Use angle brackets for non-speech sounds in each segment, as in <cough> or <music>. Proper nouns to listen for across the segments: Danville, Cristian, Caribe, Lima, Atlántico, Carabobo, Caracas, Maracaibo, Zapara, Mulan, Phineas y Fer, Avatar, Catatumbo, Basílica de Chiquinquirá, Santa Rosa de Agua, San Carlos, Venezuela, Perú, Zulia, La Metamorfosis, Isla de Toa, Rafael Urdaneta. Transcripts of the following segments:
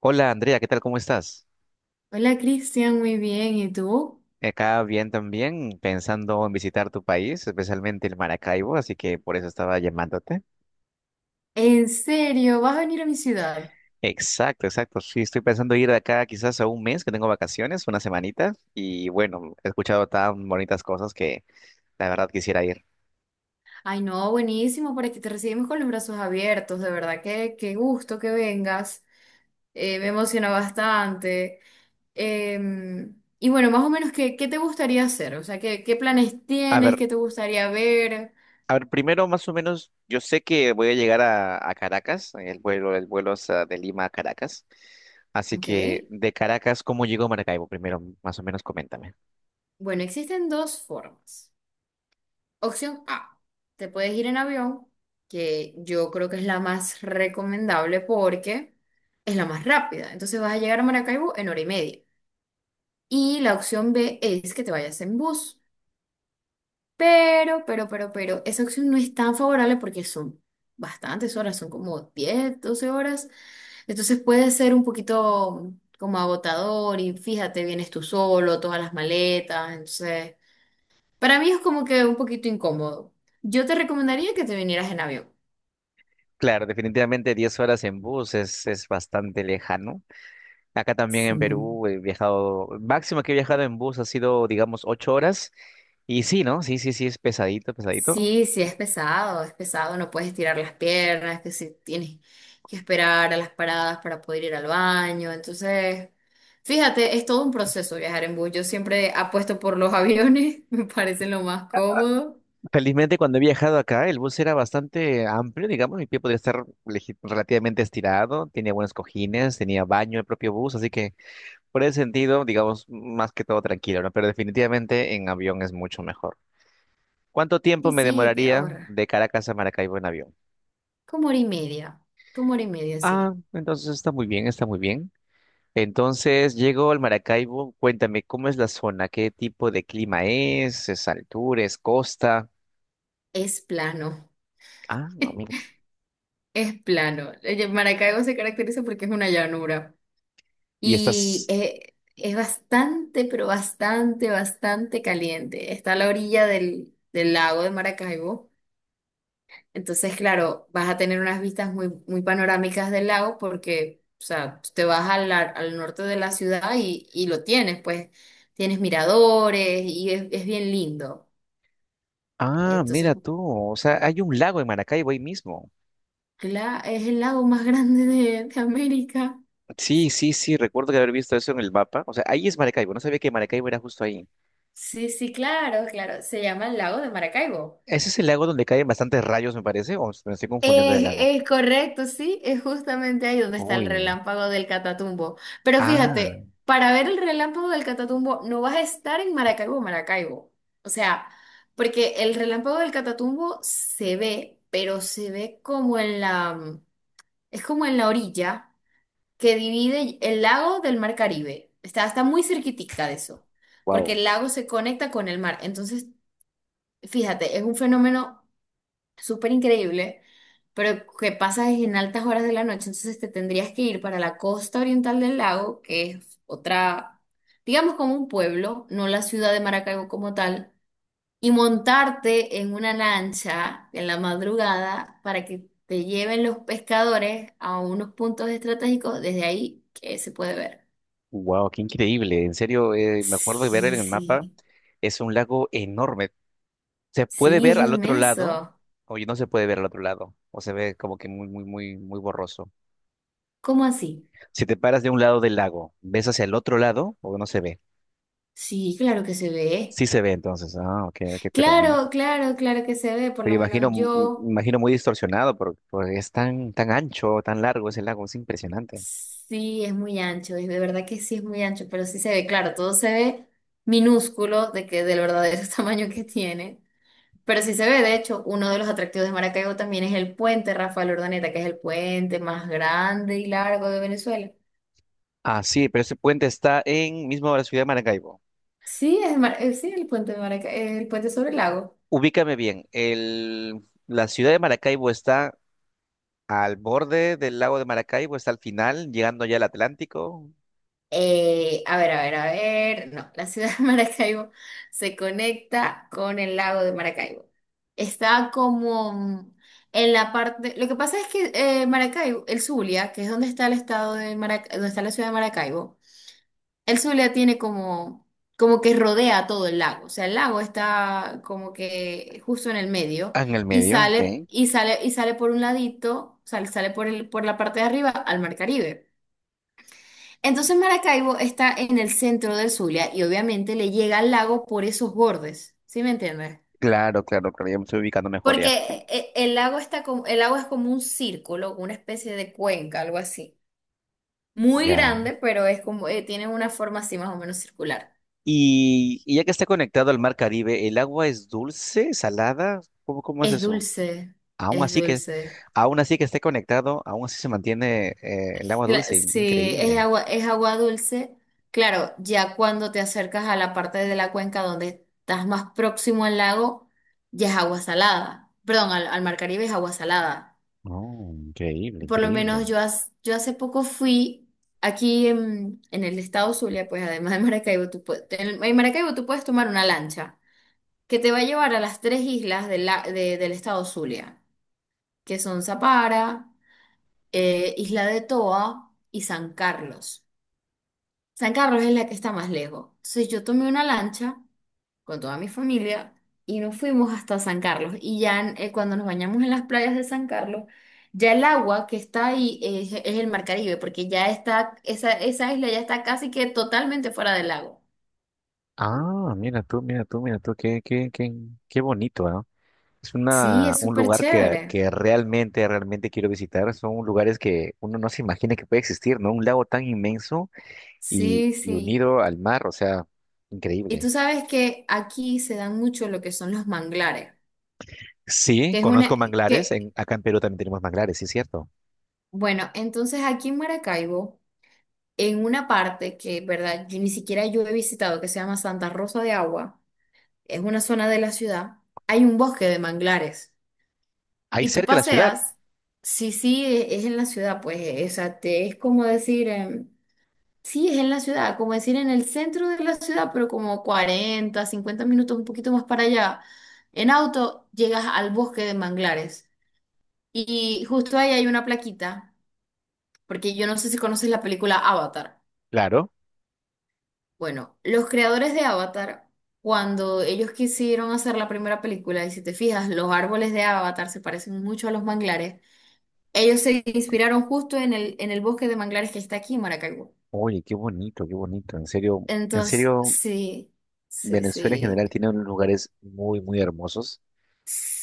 Hola Andrea, ¿qué tal? ¿Cómo estás? Hola Cristian, muy bien. ¿Y tú? Acá bien también, pensando en visitar tu país, especialmente el Maracaibo, así que por eso estaba llamándote. ¿En serio? ¿Vas a venir a mi ciudad? Exacto, exacto. Sí, estoy pensando ir de acá quizás a un mes que tengo vacaciones, una semanita, y bueno, he escuchado tan bonitas cosas que la verdad quisiera ir. Ay, no, buenísimo, por aquí te recibimos con los brazos abiertos, de verdad que qué gusto que vengas. Me emociona bastante. Y bueno, más o menos, ¿qué te gustaría hacer? O sea, ¿qué planes A tienes? ver, ¿Qué te gustaría ver? a ver, primero más o menos, yo sé que voy a llegar a Caracas, el vuelo es de Lima a Caracas, así Ok. que de Caracas, ¿cómo llego a Maracaibo? Primero, más o menos, coméntame. Bueno, existen dos formas. Opción A, te puedes ir en avión, que yo creo que es la más recomendable porque es la más rápida. Entonces vas a llegar a Maracaibo en hora y media. Y la opción B es que te vayas en bus. Pero, esa opción no es tan favorable porque son bastantes horas, son como 10, 12 horas. Entonces puede ser un poquito como agotador y fíjate, vienes tú solo, todas las maletas, entonces… Para mí es como que un poquito incómodo. Yo te recomendaría que te vinieras en avión. Claro, definitivamente 10 horas en bus es bastante lejano. Acá también en Sí. Perú he viajado, máximo que he viajado en bus ha sido, digamos, 8 horas. Y sí, ¿no? Sí, sí, sí, es pesadito, pesadito. Sí, sí, es pesado, no puedes tirar las piernas, que si tienes que esperar a las paradas para poder ir al baño. Entonces, fíjate, es todo un proceso viajar en bus. Yo siempre apuesto por los aviones, <laughs> me parece lo más cómodo. Felizmente cuando he viajado acá, el bus era bastante amplio, digamos, mi pie podía estar relativamente estirado, tenía buenos cojines, tenía baño el propio bus, así que por ese sentido, digamos, más que todo tranquilo, ¿no? Pero definitivamente en avión es mucho mejor. ¿Cuánto tiempo Sí, me sí, te demoraría ahorra. de Caracas a Maracaibo en avión? Como hora y media, como hora y media, sí. Ah, entonces está muy bien, está muy bien. Entonces llego al Maracaibo, cuéntame cómo es la zona, qué tipo de clima es altura, es costa. Es plano, Ah, amigo. <laughs> es plano. Maracaibo se caracteriza porque es una llanura. Y Y estás... es bastante, pero bastante, bastante caliente. Está a la orilla del lago de Maracaibo. Entonces, claro, vas a tener unas vistas muy, muy panorámicas del lago porque, o sea, te vas al norte de la ciudad y lo tienes, pues tienes miradores y es bien lindo. Ah, Entonces, mira tú, o sea, pu- hay un lago en Maracaibo ahí mismo. Es el lago más <laughs> grande de América. Sí, sí, sí, recuerdo que haber visto eso en el mapa. O sea, ahí es Maracaibo, no sabía que Maracaibo era justo ahí. Sí, sí, claro, claro. Se llama el lago de Maracaibo. ¿Ese es el lago donde caen bastantes rayos, me parece? ¿O me estoy confundiendo del lago? Es correcto, sí, es justamente ahí donde está el Uy. relámpago del Catatumbo. Pero Ah, fíjate, para ver el relámpago del Catatumbo no vas a estar en Maracaibo, Maracaibo. O sea, porque el relámpago del Catatumbo se ve, pero se ve como en la, es como en la orilla que divide el lago del Mar Caribe. Está muy cerquitica de eso, porque wow. el lago se conecta con el mar. Entonces, fíjate, es un fenómeno súper increíble, pero que pasa es en altas horas de la noche, entonces te tendrías que ir para la costa oriental del lago, que es otra, digamos como un pueblo, no la ciudad de Maracaibo como tal, y montarte en una lancha en la madrugada para que te lleven los pescadores a unos puntos estratégicos desde ahí que se puede ver. Wow, qué increíble. En serio, me acuerdo de ver en Sí, el sí, mapa, es un lago enorme. Se puede sí, es ver al otro lado, inmenso. o no se puede ver al otro lado, o se ve como que muy, muy, muy, muy borroso. ¿Cómo así? Si te paras de un lado del lago, ¿ves hacia el otro lado o no se ve? Sí, claro que se ve. Sí se ve entonces. Ah, ok, ok, Claro, claro, claro que se ve, por me lo imagino, menos m- m- yo imagino muy distorsionado porque, porque es tan, tan ancho, tan largo ese lago, es impresionante. sí es muy ancho, y de verdad que sí es muy ancho, pero sí se ve, claro, todo se ve minúsculo de que del verdadero <laughs> tamaño que tiene, pero sí se ve, de hecho, uno de los atractivos de Maracaibo también es el puente Rafael Urdaneta, que es el puente más grande y largo de Venezuela. Ah, sí, pero ese puente está en mismo la ciudad de Maracaibo. Sí, es, sí, el puente de el puente sobre el lago. Ubícame bien, el, la ciudad de Maracaibo está al borde del lago de Maracaibo está al final, llegando ya al Atlántico. A ver, a ver, a ver. No, la ciudad de Maracaibo se conecta con el lago de Maracaibo. Está como en la parte. Lo que pasa es que Maracaibo, el Zulia, que es donde está el estado de Maracaibo, donde está la ciudad de Maracaibo, el Zulia tiene como, como que rodea todo el lago. O sea, el lago está como que justo en el medio Ah, en el y medio, ok. sale, y sale, y sale por un ladito, sale, sale por el, por la parte de arriba al Mar Caribe. Entonces Maracaibo está en el centro del Zulia y obviamente le llega al lago por esos bordes, ¿sí me entiendes? Claro, claro, claro, ya me estoy ubicando mejor ya. Porque el lago está como, el lago es como un círculo, una especie de cuenca, algo así. Muy Ya. grande, pero es como, tiene una forma así más o menos circular. Y ya que está conectado al mar Caribe, ¿el agua es dulce, salada? ¿Cómo es Es eso? dulce, Aún es así que, dulce. aún así que esté conectado, aún así se mantiene el agua dulce. Sí, Increíble. Es agua dulce. Claro, ya cuando te acercas a la parte de la cuenca donde estás más próximo al lago, ya es agua salada. Perdón, al mar Caribe es agua salada. Oh, increíble, Por lo menos increíble. yo, yo hace poco fui aquí en el estado Zulia, pues además de Maracaibo, tú puedes, en Maracaibo tú puedes tomar una lancha que te va a llevar a las tres islas de del estado Zulia, que son Zapara, Isla de Toa y San Carlos. San Carlos es la que está más lejos. Entonces yo tomé una lancha con toda mi familia y nos fuimos hasta San Carlos. Y ya cuando nos bañamos en las playas de San Carlos, ya el agua que está ahí es el Mar Caribe, porque ya está, esa isla ya está casi que totalmente fuera del lago. Ah, mira tú, mira tú, mira tú, qué bonito, ¿ah? Es Sí, una, es un súper lugar chévere. que realmente, realmente quiero visitar. Son lugares que uno no se imagina que puede existir, ¿no? Un lago tan inmenso Sí, y sí. unido al mar, o sea, Y increíble. tú sabes que aquí se dan mucho lo que son los manglares, Sí, que es conozco una, manglares. que, Acá en Perú también tenemos manglares, sí es cierto. bueno, entonces aquí en Maracaibo, en una parte que, verdad, yo ni siquiera yo he visitado, que se llama Santa Rosa de Agua, es una zona de la ciudad, hay un bosque de manglares Ahí y tú cerca de la ciudad, paseas, sí, sí, es en la ciudad, pues, o sea, es como decir, sí, es en la ciudad, como decir en el centro de la ciudad, pero como 40, 50 minutos, un poquito más para allá, en auto llegas al bosque de manglares y justo ahí hay una plaquita, porque yo no sé si conoces la película Avatar. claro. Bueno, los creadores de Avatar, cuando ellos quisieron hacer la primera película, y si te fijas, los árboles de Avatar se parecen mucho a los manglares, ellos se inspiraron justo en el bosque de manglares que está aquí en Maracaibo. Oye, qué bonito, qué bonito. En Entonces, serio, sí, sí, Venezuela en sí, general tiene unos lugares muy, muy hermosos.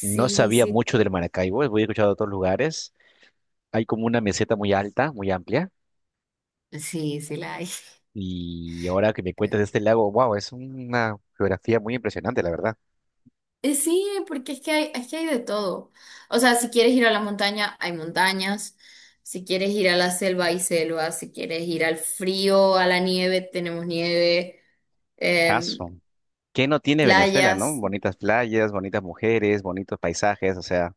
No sabía sí, mucho del Maracaibo, he escuchado de otros lugares. Hay como una meseta muy alta, muy amplia. sí, sí la hay. <laughs> Y ahora que me cuentas de este lago, wow, es una geografía muy impresionante, la verdad. Sí, porque es que hay de todo. O sea, si quieres ir a la montaña, hay montañas. Si quieres ir a la selva, hay selva. Si quieres ir al frío, a la nieve, tenemos nieve. em, Caso. ¿Qué no tiene Venezuela, no? Playas. Bonitas playas, bonitas mujeres, bonitos paisajes, o sea,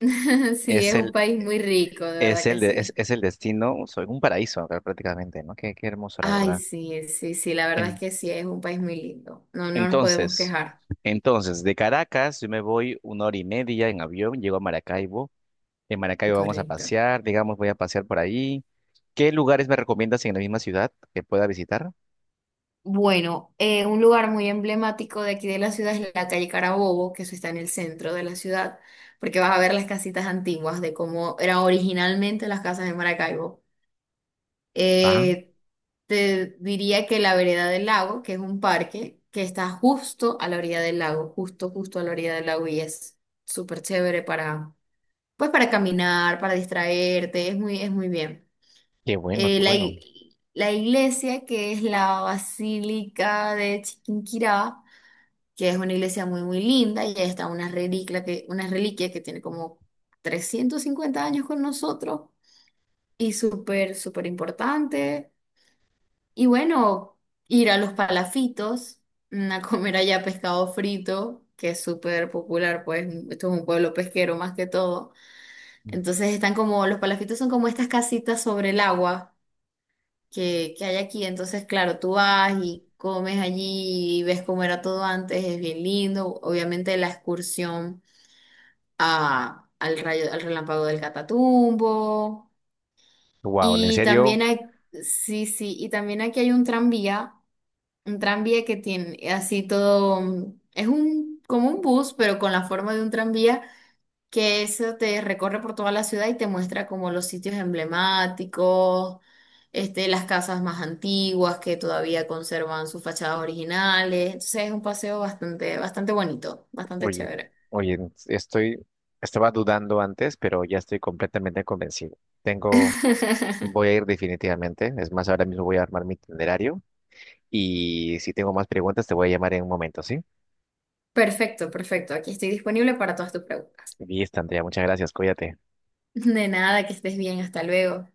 <laughs> Sí, es es un el, país muy rico, de es verdad que el, de- es, sí. es el destino, o sea, un paraíso acá prácticamente, ¿no? Qué hermoso, la Ay, verdad. sí, sí, sí, la verdad En- es que sí, es un país muy lindo. No, no nos podemos entonces, quejar. entonces, de Caracas yo me voy 1 hora y media en avión, llego a Maracaibo. En Maracaibo vamos a Correcto. pasear, digamos, voy a pasear por ahí. ¿Qué lugares me recomiendas en la misma ciudad que pueda visitar? Bueno, un lugar muy emblemático de aquí de la ciudad es la calle Carabobo, que eso está en el centro de la ciudad, porque vas a ver las casitas antiguas de cómo eran originalmente las casas de Maracaibo. Eh, Te diría que la vereda del lago, que es un parque que está justo a la orilla del lago, justo, justo a la orilla del lago y es súper chévere para, pues para caminar, para distraerte, es muy bien. Qué bueno, qué bueno. La iglesia que es la Basílica de Chiquinquirá, que es una iglesia muy, muy linda y ahí está una reliquia que tiene como 350 años con nosotros y súper, súper importante. Y bueno, ir a los palafitos, a comer allá pescado frito, que es súper popular, pues esto es un pueblo pesquero más que todo. Entonces están como, los palafitos son como estas casitas sobre el agua que hay aquí. Entonces, claro, tú vas y comes allí y ves cómo era todo antes, es bien lindo. Obviamente la excursión al rayo, al relámpago del Catatumbo. Wow, en Y serio, también hay, sí, sí, y también aquí hay un tranvía. Un tranvía que tiene así todo, es un como un bus, pero con la forma de un tranvía, que eso te recorre por toda la ciudad y te muestra como los sitios emblemáticos, este, las casas más antiguas que todavía conservan sus fachadas originales. Entonces es un paseo bastante, bastante bonito, bastante oye, chévere. oye, estoy, estaba dudando antes, pero ya estoy completamente convencido. Tengo, <laughs> voy a ir definitivamente. Es más, ahora mismo voy a armar mi itinerario y si tengo más preguntas te voy a llamar en un momento, ¿sí? Perfecto, perfecto. Aquí estoy disponible para todas tus preguntas. Listo, Andrea, muchas gracias, cuídate. De nada, que estés bien, hasta luego.